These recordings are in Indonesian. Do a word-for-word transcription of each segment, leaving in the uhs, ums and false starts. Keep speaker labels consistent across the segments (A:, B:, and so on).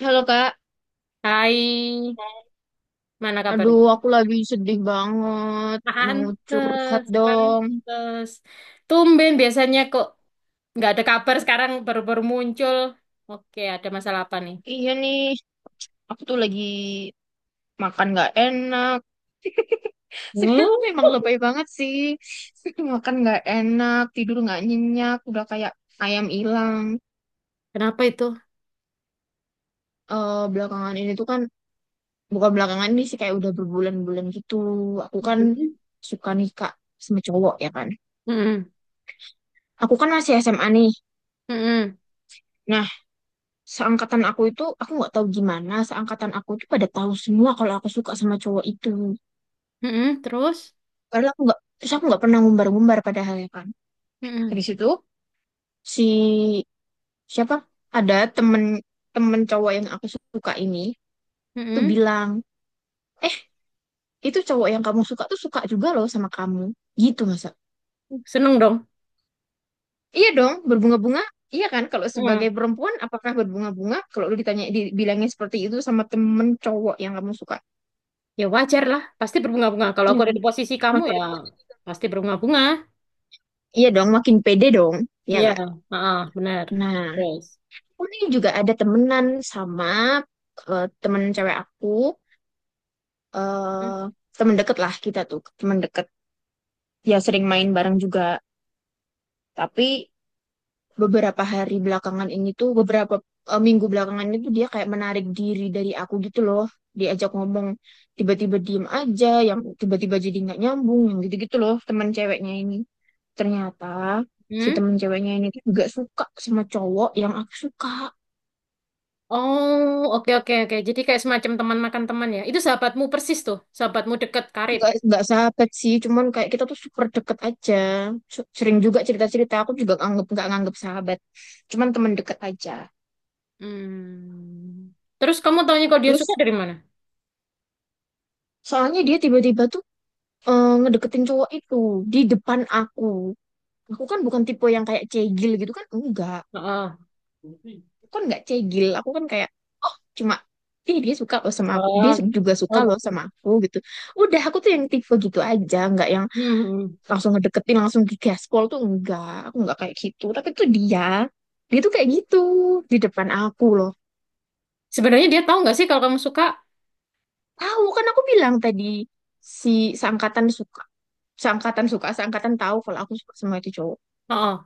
A: Halo Kak,
B: Hai, mana
A: aduh
B: kabarnya?
A: aku lagi sedih banget, mau curhat
B: Pantes,
A: dong.
B: pantes. Tumben biasanya kok nggak ada kabar, sekarang baru-baru muncul. Oke, ada masalah apa nih?
A: Iya nih, aku tuh lagi makan gak enak.
B: Hmm?
A: Memang lebay banget sih, makan gak enak, tidur gak nyenyak, udah kayak ayam hilang.
B: Kenapa itu?
A: Eh, belakangan ini tuh kan, bukan belakangan ini sih, kayak udah berbulan-bulan gitu. Aku kan
B: Mm-mm.
A: suka nikah sama cowok, ya kan.
B: Mm-mm.
A: Aku kan masih S M A nih.
B: Mm-mm.
A: Nah, seangkatan aku itu, aku nggak tahu gimana, seangkatan aku itu pada tahu semua kalau aku suka sama cowok itu.
B: Mm-mm. Terus?
A: Padahal aku nggak Terus aku nggak pernah ngumbar-ngumbar padahalnya kan. Dari
B: Mm-mm.
A: situ, si siapa, ada temen, temen cowok yang aku suka ini tuh
B: Mm-mm.
A: bilang, eh, itu cowok yang kamu suka tuh suka juga loh sama kamu, gitu. Masa?
B: Seneng dong.
A: Iya dong, berbunga-bunga. Iya kan, kalau sebagai
B: Mm.
A: perempuan apakah berbunga-bunga kalau lu ditanya, dibilangnya seperti itu sama temen cowok yang kamu suka.
B: Ya wajar lah, pasti berbunga-bunga. Kalau
A: Iya
B: aku ada
A: kan?
B: di posisi kamu,
A: Maka
B: ya pasti berbunga-bunga.
A: Iya dong, makin pede dong. Ya
B: Iya,
A: nggak?
B: ah, benar.
A: Nah,
B: Terus?
A: aku nih juga ada temenan sama, eh, temen cewek aku. Eh, temen deket lah kita tuh, temen deket. Ya sering main bareng juga. Tapi beberapa hari belakangan ini tuh, beberapa, eh, minggu belakangan itu dia kayak menarik diri dari aku gitu loh. Diajak ngomong, tiba-tiba diem aja, yang tiba-tiba jadi nggak nyambung, yang gitu-gitu loh temen ceweknya ini. Ternyata si
B: Mm-mm.
A: temen ceweknya ini tuh juga suka sama cowok yang aku suka.
B: Oh, oke oke oke. Jadi kayak semacam teman makan teman ya. Itu sahabatmu persis tuh, sahabatmu dekat karib.
A: nggak nggak sahabat sih, cuman kayak kita tuh super deket aja. Su- sering juga cerita cerita, aku juga nganggep, nggak nganggep sahabat, cuman teman deket aja.
B: Hmm. Terus kamu taunya kalau dia suka
A: Terus
B: dari mana?
A: soalnya dia tiba-tiba tuh, eh, ngedeketin cowok itu di depan aku. Aku kan bukan tipe yang kayak cegil gitu kan, enggak.
B: Heeh.
A: Aku kan nggak cegil, aku kan kayak, oh, cuma ih, dia suka loh sama aku, dia
B: Oh,
A: juga suka
B: oh,
A: loh sama aku, gitu. Udah, aku tuh yang tipe gitu aja, nggak yang
B: hmm, hmm.
A: langsung ngedeketin, langsung di gaspol tuh, enggak. Aku enggak kayak gitu, tapi tuh dia dia tuh kayak gitu di depan aku loh.
B: Sebenarnya dia tahu nggak sih kalau kamu suka?
A: Tahu kan, aku bilang tadi, si seangkatan suka, seangkatan suka, seangkatan tahu kalau aku suka sama itu cowok,
B: Heeh.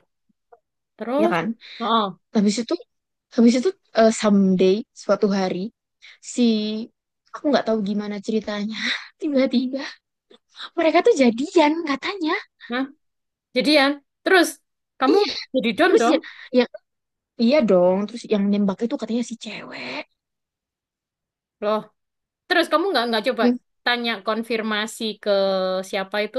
A: ya
B: Terus,
A: kan.
B: heeh.
A: Habis itu, habis itu eh, someday, suatu hari, si, aku nggak tahu gimana ceritanya, tiba-tiba mereka tuh jadian katanya.
B: Nah, jadian. Terus kamu
A: Iya,
B: jadi don
A: terus
B: dong.
A: ya, ya iya dong. Terus yang nembak itu katanya si cewek
B: Loh, terus kamu nggak nggak coba
A: yang
B: tanya konfirmasi ke siapa itu,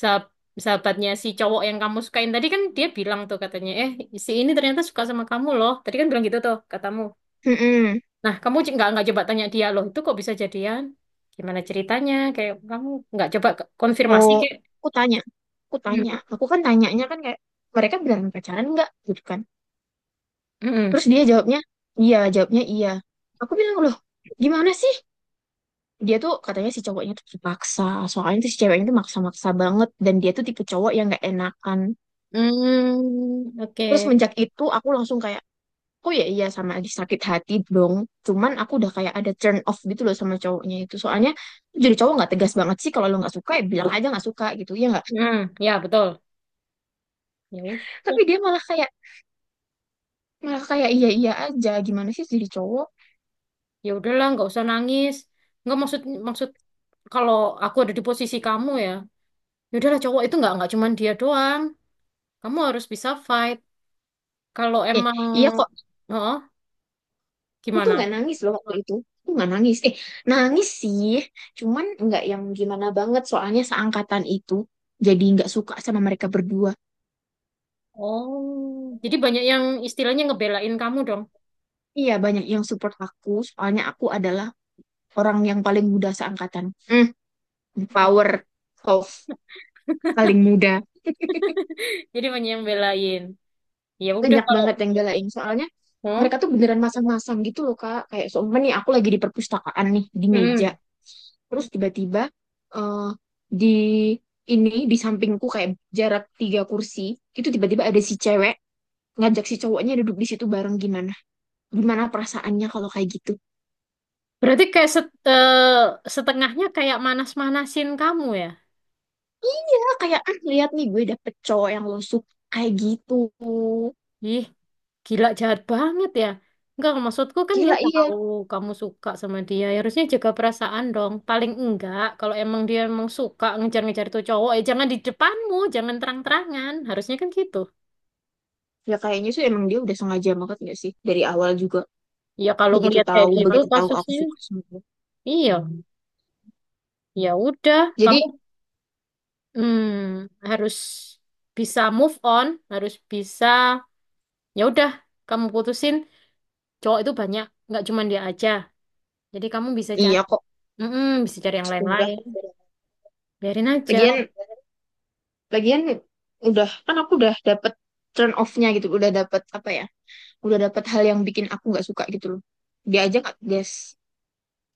B: sah- sahabatnya si cowok yang kamu sukain tadi. Kan dia bilang tuh, katanya, eh si ini ternyata suka sama kamu loh, tadi kan bilang gitu tuh katamu.
A: Mm-mm.
B: Nah kamu c- nggak nggak coba tanya dia loh, itu kok bisa jadian? Gimana ceritanya? Kayak kamu nggak coba ke- konfirmasi
A: Oh,
B: kayak
A: aku tanya, aku
B: hmm,
A: tanya, aku kan tanyanya kan kayak mereka bilang pacaran nggak gitu kan.
B: hmm,
A: Terus dia jawabnya iya, jawabnya iya. Aku bilang, loh, gimana sih? Dia tuh katanya si cowoknya tuh terpaksa, soalnya tuh si ceweknya tuh maksa-maksa banget, dan dia tuh tipe cowok yang nggak enakan.
B: hmm, oke.
A: Terus menjak itu aku langsung kayak, oh ya iya, sama lagi sakit hati dong. Cuman aku udah kayak ada turn off gitu loh sama cowoknya itu. Soalnya jadi cowok nggak tegas banget sih, kalau lo nggak suka ya bilang aja nggak suka gitu, ya nggak?
B: Hmm, ya betul, ya
A: Tapi
B: udah.
A: dia malah kayak, malah kayak iya-iya aja. Gimana sih jadi cowok?
B: Ya udahlah, nggak usah nangis. Nggak maksud maksud kalau aku ada di posisi kamu ya, ya udahlah, cowok itu nggak nggak cuman dia doang. Kamu harus bisa fight kalau
A: Eh,
B: emang
A: iya kok.
B: oh
A: Aku tuh
B: gimana.
A: nggak nangis loh waktu itu. Aku nggak nangis. Eh, nangis sih. Cuman nggak yang gimana banget. Soalnya seangkatan itu jadi nggak suka sama mereka berdua.
B: Oh, jadi banyak yang istilahnya ngebelain kamu dong.
A: Iya, banyak yang support aku. Soalnya aku adalah orang yang paling muda seangkatan. Hmm,
B: Hmm.
A: power of paling muda.
B: Jadi banyak yang belain, ya udah
A: Banyak
B: kalau
A: banget yang belain, soalnya
B: oh
A: mereka tuh beneran masang-masang gitu loh kak, kayak seumpama nih aku lagi di perpustakaan nih di meja,
B: mm.
A: terus tiba-tiba, eh, di ini di sampingku, kayak jarak tiga kursi itu, tiba-tiba ada si cewek ngajak si cowoknya duduk di situ bareng. Gimana, gimana perasaannya kalau kayak gitu?
B: Berarti kayak set-, eh, setengahnya kayak manas-manasin kamu ya.
A: Ya kayak, ah, lihat nih gue dapet cowok yang lo suka, kayak gitu.
B: Ih, gila jahat banget ya. Enggak, maksudku kan dia
A: Gila iya.
B: tahu kamu suka sama dia. Ya harusnya jaga perasaan dong. Paling enggak, kalau emang dia emang suka ngejar-ngejar itu cowok, ya jangan di depanmu, jangan terang-terangan. Harusnya kan gitu.
A: Ya kayaknya sih emang dia udah sengaja banget gak sih dari awal juga.
B: Ya kalau
A: Begitu
B: ngelihat kayak
A: tahu,
B: gitu
A: begitu tahu aku
B: kasusnya,
A: suka sama dia,
B: iya, ya udah, kamu
A: jadi.
B: hmm, harus bisa move on, harus bisa, ya udah, kamu putusin. Cowok itu banyak, nggak cuma dia aja. Jadi kamu bisa cari,
A: Iya kok,
B: mm, bisa cari yang
A: udah.
B: lain-lain, biarin aja.
A: Lagian, lagian udah kan, aku udah dapet turn off-nya gitu, udah dapet, apa ya? Udah dapet hal yang bikin aku nggak suka gitu loh. Dia aja nggak tegas,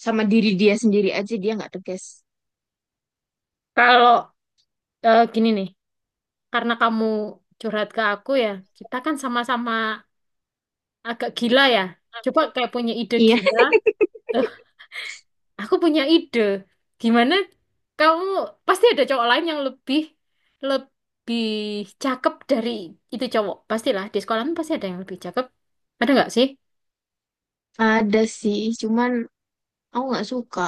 A: sama diri dia sendiri aja dia nggak tegas.
B: Kalau eh, gini nih, karena kamu curhat ke aku ya, kita kan sama-sama agak gila ya. Coba kayak punya ide
A: Iya,
B: gila. Eh, aku punya ide. Gimana kamu pasti ada cowok lain yang lebih lebih cakep dari itu cowok. Pastilah di sekolah kan pasti ada yang lebih cakep. Ada nggak sih?
A: ada sih, cuman aku nggak suka.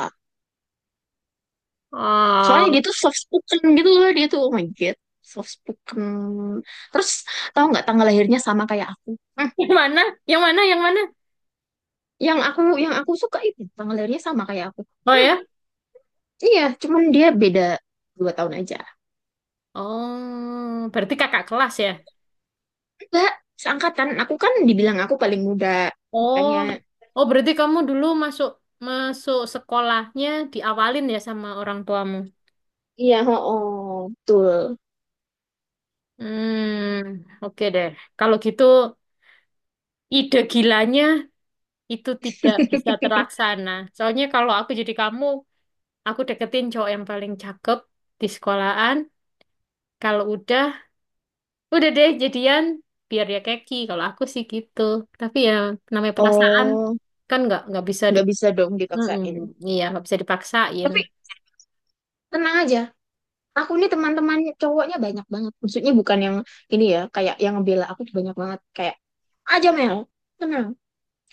A: Soalnya
B: Oh,
A: dia tuh soft spoken gitu loh, dia tuh oh my god, soft spoken. Terus, tahu nggak tanggal lahirnya sama kayak aku? Hmm,
B: yang mana? Yang mana? Yang mana?
A: yang aku, yang aku suka itu tanggal lahirnya sama kayak aku.
B: Oh
A: Hmm,
B: ya?
A: iya, cuman dia beda dua tahun aja.
B: Oh, berarti kakak kelas ya?
A: Enggak, seangkatan. Aku kan dibilang aku paling muda.
B: Oh,
A: Makanya,
B: oh berarti kamu dulu masuk masuk sekolahnya, diawalin ya sama orang tuamu.
A: iya, oh, oh betul.
B: Hmm, oke deh. Kalau gitu ide gilanya itu tidak bisa terlaksana. Soalnya kalau aku jadi kamu, aku deketin cowok yang paling cakep di sekolahan. Kalau udah, udah deh jadian biar dia keki. Kalau aku sih gitu. Tapi ya namanya perasaan
A: Oh,
B: kan nggak nggak bisa di,
A: nggak bisa dong
B: mm-mm.
A: dipaksain.
B: Iya, nggak bisa dipaksain.
A: Tapi tenang aja. Aku nih teman-teman cowoknya banyak banget. Maksudnya bukan yang ini ya, kayak yang ngebela aku tuh banyak banget. Kayak, aja Mel, tenang.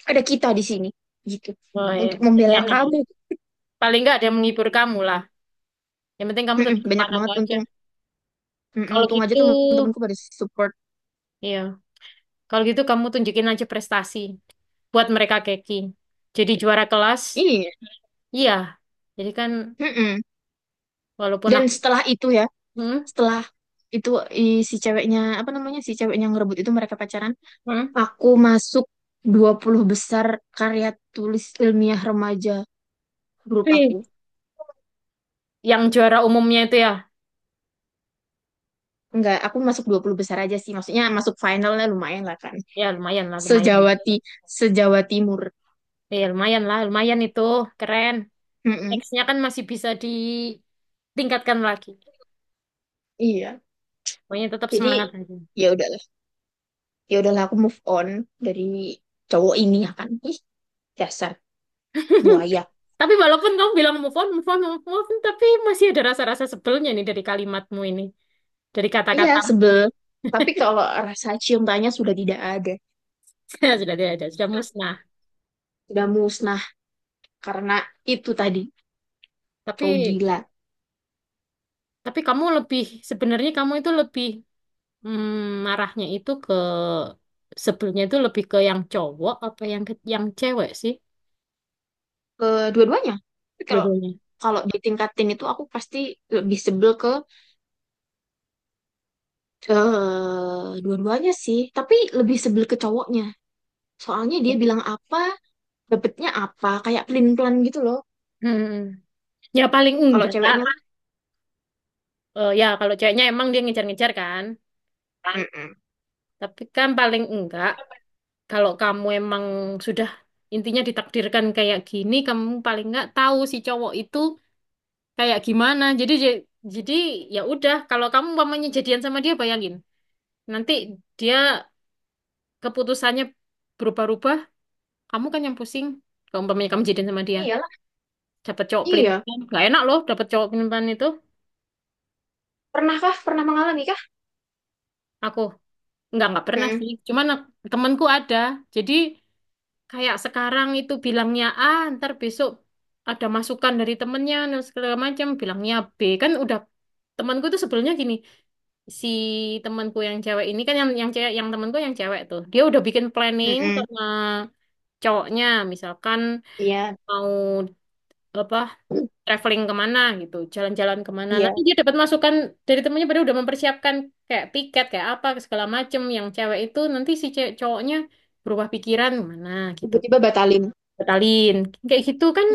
A: Ada kita di sini. Gitu.
B: Oh, iya.
A: Untuk membela
B: Enak.
A: kamu.
B: Paling nggak ada yang menghibur kamu lah. Yang penting kamu
A: Mm-mm,
B: tetap
A: banyak
B: semangat apa
A: banget.
B: aja.
A: Untung, mm-mm,
B: Kalau
A: untung aja
B: gitu,
A: teman-temanku pada support.
B: iya. Kalau gitu kamu tunjukin aja prestasi buat mereka keki. Jadi juara kelas,
A: Iya.
B: iya. Jadi kan
A: Mm-mm.
B: walaupun
A: Dan
B: aku,
A: setelah itu ya,
B: hmm,
A: setelah itu i- si ceweknya, apa namanya, si ceweknya ngerebut itu, mereka pacaran.
B: hmm.
A: Aku masuk dua puluh besar karya tulis ilmiah remaja grup
B: Wih,
A: aku.
B: yang juara umumnya itu ya,
A: Enggak, aku masuk dua puluh besar aja sih. Maksudnya masuk finalnya lumayan lah kan.
B: ya lumayan lah, lumayan.
A: Sejawa Ti- Sejawa Timur.
B: Ya lumayan lah, lumayan itu keren.
A: Mm-mm.
B: Nextnya kan masih bisa ditingkatkan lagi.
A: Iya.
B: Pokoknya tetap
A: Jadi
B: semangat aja.
A: ya udahlah. Ya udahlah, aku move on dari cowok ini, ya kan. Ih, dasar buaya.
B: Tapi walaupun kamu bilang move on, move on, move on, tapi masih ada rasa-rasa sebelnya nih dari kalimatmu ini. Dari
A: Iya,
B: kata-kata
A: sebel. Tapi kalau rasa cium tanya sudah tidak ada.
B: sudah tidak ada, sudah musnah.
A: Sudah musnah karena itu tadi,
B: tapi
A: cowok gila.
B: tapi kamu lebih, sebenarnya kamu itu lebih mm, marahnya itu ke, sebelumnya itu lebih ke yang cowok apa yang ke, yang cewek sih
A: Kedua-duanya, tapi kalau
B: dulunya.
A: kalau ditingkatin itu aku pasti lebih sebel ke, eh, dua-duanya sih, tapi lebih sebel ke cowoknya. Soalnya dia
B: Hmm.
A: bilang apa, dapetnya apa, kayak pelin-pelan gitu loh.
B: Hmm. Ya paling
A: Kalau
B: enggak Kak.
A: ceweknya kan.
B: Eh, ya kalau ceweknya emang dia ngejar-ngejar kan,
A: Mm-mm.
B: tapi kan paling enggak kalau kamu emang sudah intinya ditakdirkan kayak gini, kamu paling enggak tahu si cowok itu kayak gimana. Jadi j- jadi ya udah, kalau kamu umpamanya jadian sama dia, bayangin nanti dia keputusannya berubah-ubah, kamu kan yang pusing. Kalau umpamanya kamu jadian sama dia, dapat cowok
A: Iya,
B: pelintipan nggak enak loh, dapat cowok pelintipan itu.
A: pernahkah pernah mengalami kah?
B: Aku nggak nggak pernah
A: Mm-mm,
B: sih, cuman temanku ada. Jadi kayak sekarang itu bilangnya A, ntar besok ada masukan dari temennya, dan segala macam, bilangnya B. Kan udah, temanku tuh sebelumnya gini, si temanku yang cewek ini kan yang yang cewek, yang temanku yang cewek tuh dia udah bikin planning
A: mm-mm,
B: sama cowoknya misalkan
A: iya
B: mau apa traveling kemana, gitu jalan-jalan kemana,
A: iya,
B: nanti dia dapat masukan dari temennya, pada udah mempersiapkan kayak tiket kayak apa segala macem yang cewek itu, nanti si cewek cowoknya berubah pikiran mana gitu,
A: tiba-tiba batalin.
B: batalin. Kayak gitu kan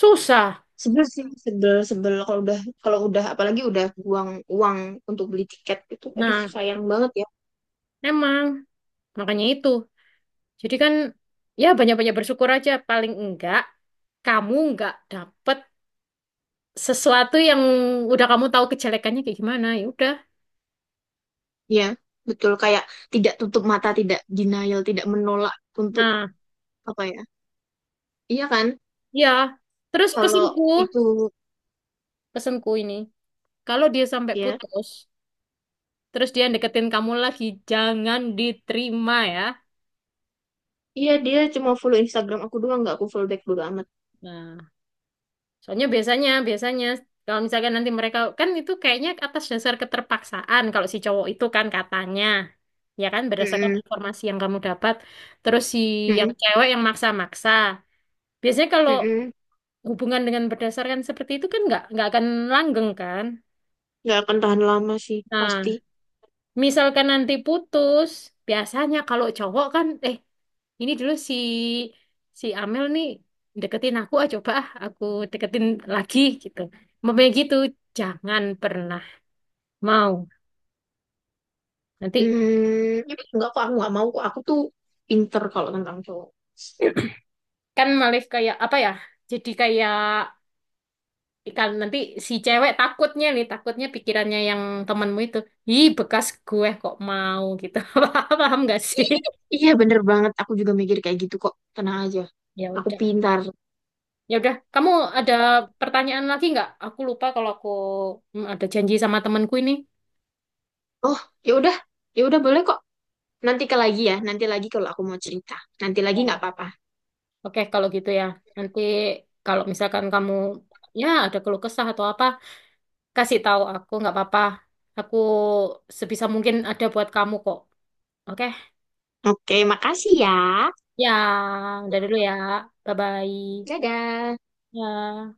B: susah.
A: Sebel sih, sebel, sebel kalau udah, kalau udah apalagi udah buang uang untuk beli tiket itu, aduh
B: Nah,
A: sayang banget ya.
B: emang makanya itu. Jadi kan ya banyak-banyak bersyukur aja, paling enggak kamu enggak dapet sesuatu yang udah kamu tahu kejelekannya kayak gimana, ya udah.
A: Iya, betul, kayak tidak tutup mata, tidak denial, tidak menolak untuk,
B: Nah,
A: apa ya? Iya kan?
B: ya. Terus
A: Kalau
B: pesanku
A: itu
B: pesanku ini, kalau dia sampai
A: ya,
B: putus, terus dia deketin kamu lagi, jangan diterima ya.
A: iya dia cuma follow Instagram aku doang, nggak aku follow back, bodo amat.
B: Nah, soalnya biasanya, biasanya kalau misalkan nanti mereka kan itu kayaknya atas dasar keterpaksaan kalau si cowok itu kan katanya. Ya kan berdasarkan
A: Mm-mm,
B: informasi yang kamu dapat. Terus si yang
A: mm-mm,
B: cewek yang maksa-maksa. Biasanya kalau
A: mm-mm.
B: hubungan dengan berdasarkan seperti itu kan nggak nggak akan langgeng kan.
A: Nggak akan tahan lama sih pasti.
B: Nah, misalkan nanti putus, biasanya kalau cowok kan, eh ini dulu si si Amel nih deketin aku, ah coba ah aku deketin lagi gitu. Memang gitu, jangan pernah mau. Nanti
A: Hmm, nggak kok, aku nggak mau kok. Aku tuh pinter kalau tentang cowok.
B: kan malif kayak apa ya? Jadi kayak kan nanti si cewek takutnya nih, takutnya pikirannya yang temanmu itu, ih bekas gue kok mau gitu. Paham nggak sih?
A: Iya bener banget, aku juga mikir kayak gitu kok. Tenang aja,
B: Ya
A: aku
B: udah.
A: pintar.
B: Ya udah, kamu ada pertanyaan lagi nggak? Aku lupa kalau aku hmm, ada janji sama temanku ini.
A: Oh, ya udah, ya udah boleh kok. Nanti ke lagi ya, nanti lagi kalau aku mau cerita. Nanti lagi nggak
B: Ya.
A: apa-apa.
B: Oke, kalau gitu ya. Nanti kalau misalkan kamu ya ada keluh kesah atau apa, kasih tahu aku nggak apa-apa. Aku sebisa mungkin ada buat kamu kok. Oke?
A: Oke, makasih ya.
B: Ya, udah dulu ya. Bye-bye.
A: Dadah.
B: Ya.